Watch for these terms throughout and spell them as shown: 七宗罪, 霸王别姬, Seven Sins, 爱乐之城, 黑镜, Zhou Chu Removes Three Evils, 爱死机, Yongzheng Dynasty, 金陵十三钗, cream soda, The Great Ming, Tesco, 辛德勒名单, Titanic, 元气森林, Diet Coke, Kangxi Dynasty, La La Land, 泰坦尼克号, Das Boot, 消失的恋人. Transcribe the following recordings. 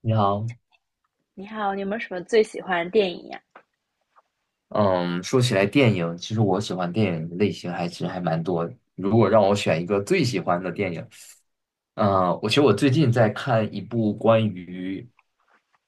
你好。你好，你有没有什么最喜欢的电影呀？嗯，说起来电影，其实我喜欢电影的类型还蛮多的。如果让我选一个最喜欢的电影，我其实最近在看一部关于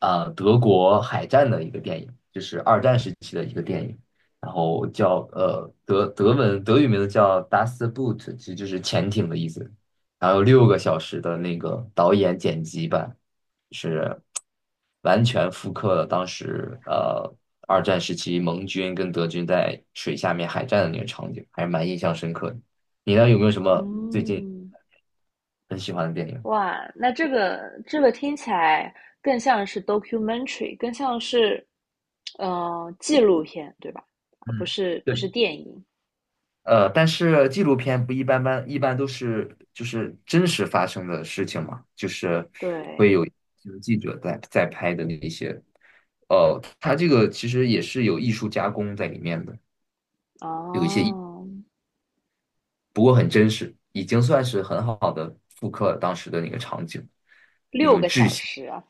德国海战的一个电影，就是二战时期的一个电影，然后叫德语名字叫《d u s t Boot》，其实就是潜艇的意思。然后有六个小时的那个导演剪辑版。是。完全复刻了当时二战时期盟军跟德军在水下面海战的那个场景，还是蛮印象深刻的。你呢，有没有什么最近嗯，很喜欢的电影？哇，那这个听起来更像是 documentary，更像是纪录片，对吧？而不嗯，是不是对，电影。但是纪录片不一般般，一般都是就是真实发生的事情嘛，就是会对，有记者在拍的那一些，哦，它这个其实也是有艺术加工在里面的，哦，不过很真实，已经算是很好的复刻了当时的那个场景。6个小时啊。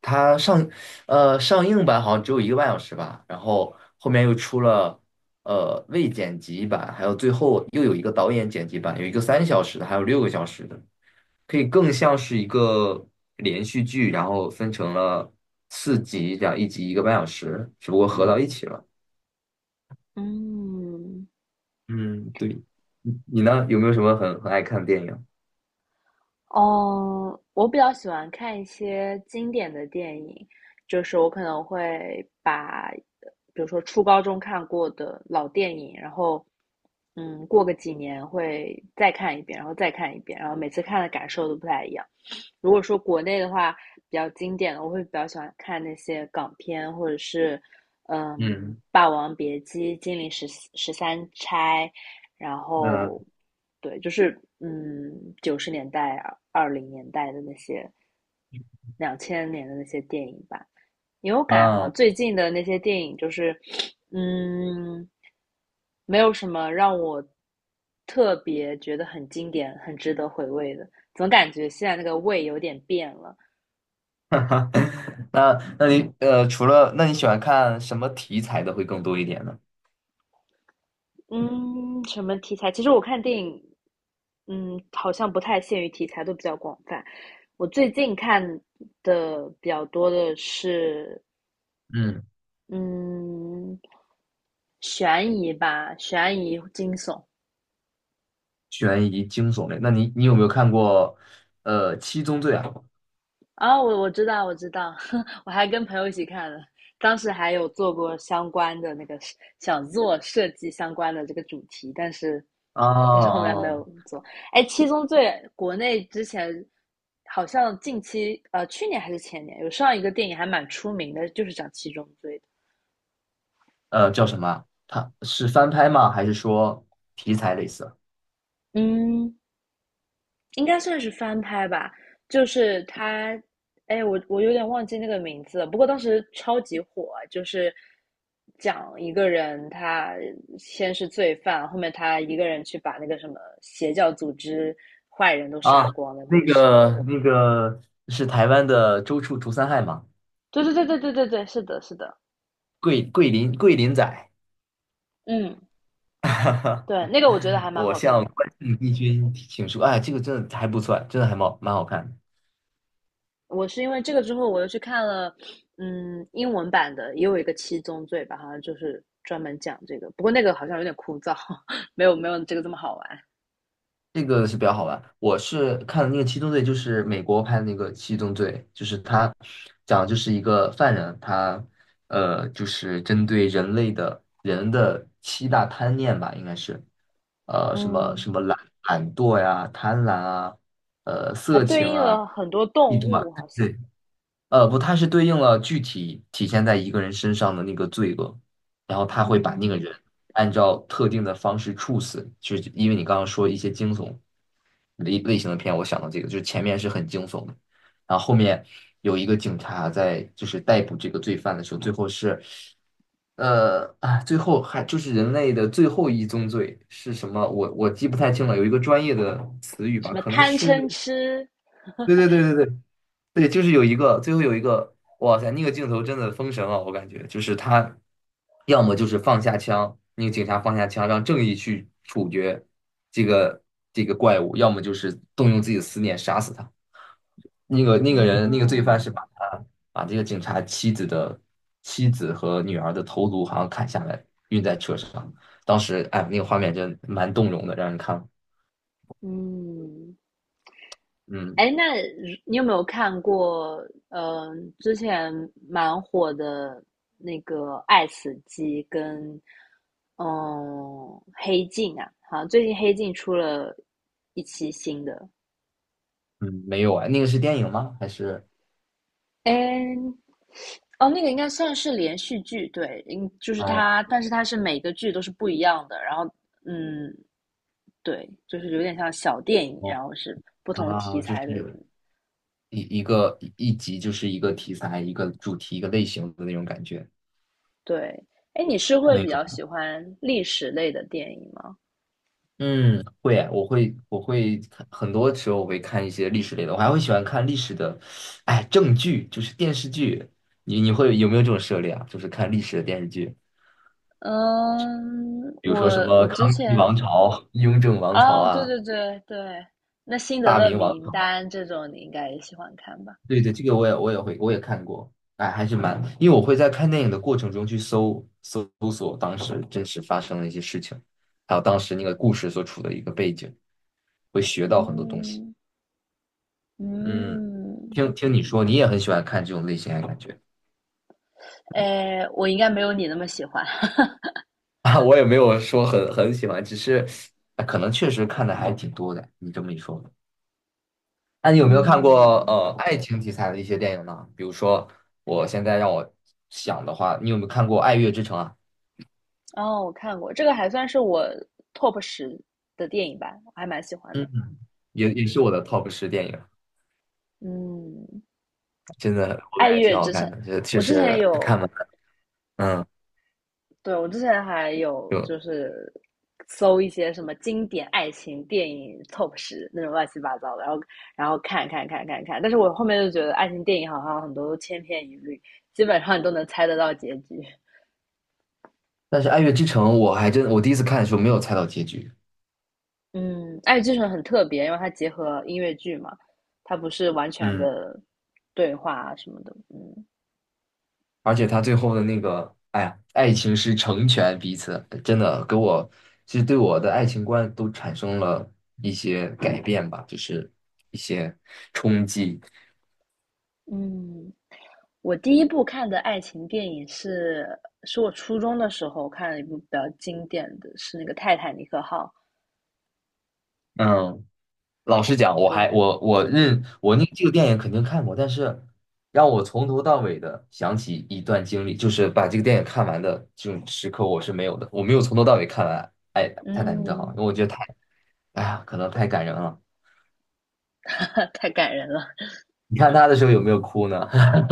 它上映版好像只有一个半小时吧，然后后面又出了未剪辑版，还有最后又有一个导演剪辑版，有一个3小时的，还有六个小时的，可以更像是一个连续剧，然后分成了4集，这样一集一个半小时，只不过合到一起了。嗯，嗯，对，你呢？有没有什么很爱看的电影？哦，我比较喜欢看一些经典的电影，就是我可能会把，比如说初高中看过的老电影，然后，过个几年会再看一遍，然后再看一遍，然后每次看的感受都不太一样。如果说国内的话，比较经典的，我会比较喜欢看那些港片，或者是，嗯，嗯《霸王别姬》《金陵十三钗》，然嗯后，对，就是90年代、20年代的那些、2000年的那些电影吧。因为我感觉好像啊，最近的那些电影，就是嗯，没有什么让我特别觉得很经典、很值得回味的。总感觉现在那个味有点变了。哈哈，那你喜欢看什么题材的会更多一点呢？嗯，什么题材？其实我看电影，好像不太限于题材，都比较广泛。我最近看的比较多的是，嗯，嗯，悬疑吧，悬疑惊悚。悬疑惊悚类。那你有没有看过《七宗罪》啊？啊，我知道，我知道，我还跟朋友一起看了，当时还有做过相关的那个想做设计相关的这个主题，但是后面没哦，有做。哎，《七宗罪》国内之前好像近期去年还是前年有上一个电影还蛮出名的，就是讲七宗罪的。叫什么啊？它是翻拍吗？还是说题材类似嗯，应该算是翻拍吧，就是他，哎，我有点忘记那个名字了，不过当时超级火，就是讲一个人他先是罪犯，后面他一个人去把那个什么邪教组织坏人都啊？杀光的那故事。个那个是台湾的周处除三害吗？对对对对对对对，是的，是的，桂林仔，嗯，哈哈。对，那个我觉得还蛮我好看的。帝君请说，哎，这个真的还不错，真的还蛮好看的。我是因为这个之后，我又去看了，英文版的，也有一个七宗罪吧，好像就是专门讲这个，不过那个好像有点枯燥，没有没有这个这么好玩。这个是比较好玩。我是看了那个《七宗罪》，就是美国拍的那个《七宗罪》，就是他讲的就是一个犯人，他就是针对人类的人的七大贪念吧，应该是什么嗯，什么懒惰呀、贪婪啊、还色对情应啊、了很多动嫉妒物，啊，好像对不，它是对应了具体体现在一个人身上的那个罪恶，然后他会把那个嗯人按照特定的方式处死，就是因为你刚刚说一些惊悚类型的片，我想到这个，就是前面是很惊悚的，然后后面有一个警察在就是逮捕这个罪犯的时候，最后是，最后还就是人类的最后一宗罪是什么？我记不太清了，有一个专业的词语什吧，么可能贪是。嗔痴，对对对对对对，就是有一个，最后有一个，哇塞，那个镜头真的封神了，我感觉就是他，要么就是放下枪，那个警察放下枪，让正义去处决这个这个怪物，要么就是动用自己的思念杀死他。那个人，那个罪犯是嗯把他把这个警察妻子和女儿的头颅好像砍下来，运在车上。当时，哎，那个画面真蛮动容的，让人看了。嗯，嗯哎，那你有没有看过？之前蛮火的那个《爱死机》跟嗯《黑镜》啊，好像最近《黑镜》出了一期新的。嗯，没有啊，那个是电影吗？还是？哎，哦，那个应该算是连续剧，对，应就是哦。它，但是它是每个剧都是不一样的。然后，嗯，对，就是有点像小电影，然后是不同题啊，就材的。是一个一集就是一个题材、一个主题、一个类型的那种感觉。对，哎，你是会没比较有，喜欢历史类的电影吗？嗯，会啊，我会，我会看很多时候我会看一些历史类的，我还会喜欢看历史的，哎，正剧，就是电视剧。你会有没有这种涉猎啊？就是看历史的电视剧，嗯，比如说什我么我之《康熙前王朝》《雍正王朝》啊，对啊，对对对，那辛德《大勒明王名朝》单这种你应该也喜欢看吧？对对，这个我也看过，哎，还是蛮，因为我会在看电影的过程中去搜索当时真实发生的一些事情，还有当时那个故事所处的一个背景，会学到很多东西。嗯嗯，嗯，听听你说，你也很喜欢看这种类型的感觉。 哎，我应该没有你那么喜欢。啊，我也没有说很喜欢，只是啊可能确实看的还挺多的。你这么一说，那你有没有看过嗯，爱情题材的一些电影呢？比如说，我现在让我想的话，你有没有看过《爱乐之城》啊？哦，我看过，这个还算是我 top 十的电影吧，我还蛮喜欢的。嗯。也是我的 top 10电影，嗯，真的我《爱感觉挺乐好之城》，看的，这确我之实前有看完了，嗯，对，我之前还有就就是搜一些什么经典爱情电影 Top 十那种乱七八糟的，然后看看看看看，但是我后面就觉得爱情电影好像很多都千篇一律，基本上你都能猜得到结局。但是《爱乐之城》我还真我第一次看的时候没有猜到结局，嗯，《爱与制很特别，因为它结合音乐剧嘛，它不是完全嗯，的对话啊什么的。嗯而且他最后的那个，哎呀，爱情是成全彼此，真的给我其实对我的爱情观都产生了一些改变吧，就是一些冲击，嗯，我第一部看的爱情电影是我初中的时候看了一部比较经典的是那个《泰坦尼克号》。嗯，老实讲，我还对，我我认我那这个电影肯定看过，但是让我从头到尾的想起一段经历，就是把这个电影看完的这种时刻，我是没有的，我没有从头到尾看完《哎泰坦尼克号》，嗯，因为我觉得太，哎呀，可能太感人了。太感人了。你看他的时候有没有哭呢？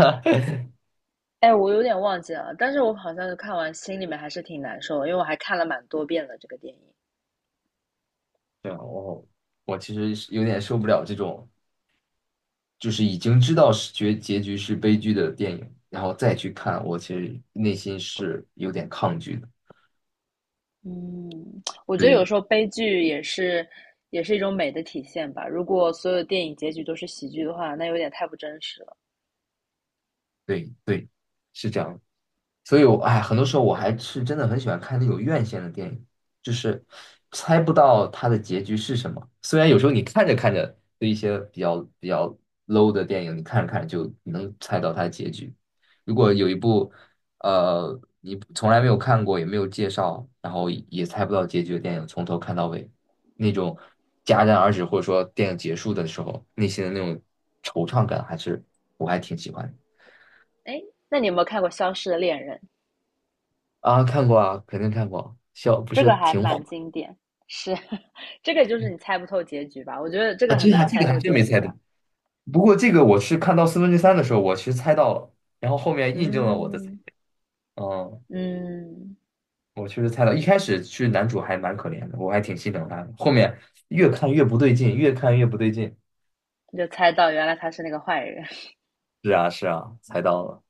哎，我有点忘记了，但是我好像是看完心里面还是挺难受的，因为我还看了蛮多遍了这个电影。对啊，我其实是有点受不了这种，就是已经知道是结局是悲剧的电影，然后再去看，我其实内心是有点抗拒的。嗯，我觉得有对时候悲剧也是一种美的体现吧。如果所有电影结局都是喜剧的话，那有点太不真实了。对对，是这样。所以我，哎，很多时候我还是真的很喜欢看那种院线的电影，就是猜不到它的结局是什么。虽然有时候你看着看着，对一些比较 low 的电影，你看着看着就能猜到它的结局。如果有一部你从来没有看过，也没有介绍，然后也猜不到结局的电影，从头看到尾，那种戛然而止或者说电影结束的时候，内心的那种惆怅感，还是我还挺喜欢的。哎，那你有没有看过《消失的恋人》？啊，看过啊，肯定看过，笑不这是个还挺蛮火经典，是，这个就是你猜不透结局吧？我觉得这啊？个很这还难这猜个透还真结没局猜对，吧。不过这个我是看到《四分之三》的时候，我其实猜到了，然后后面印证了我的猜，嗯嗯，嗯，我确实猜到，一开始是男主还蛮可怜的，我还挺心疼他的，后面越看越不对劲，越看越不对劲，你就猜到原来他是那个坏人。是啊是啊，猜到了，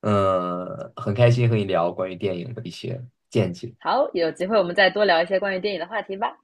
嗯，很开心和你聊关于电影的一些见解。好，有机会我们再多聊一些关于电影的话题吧。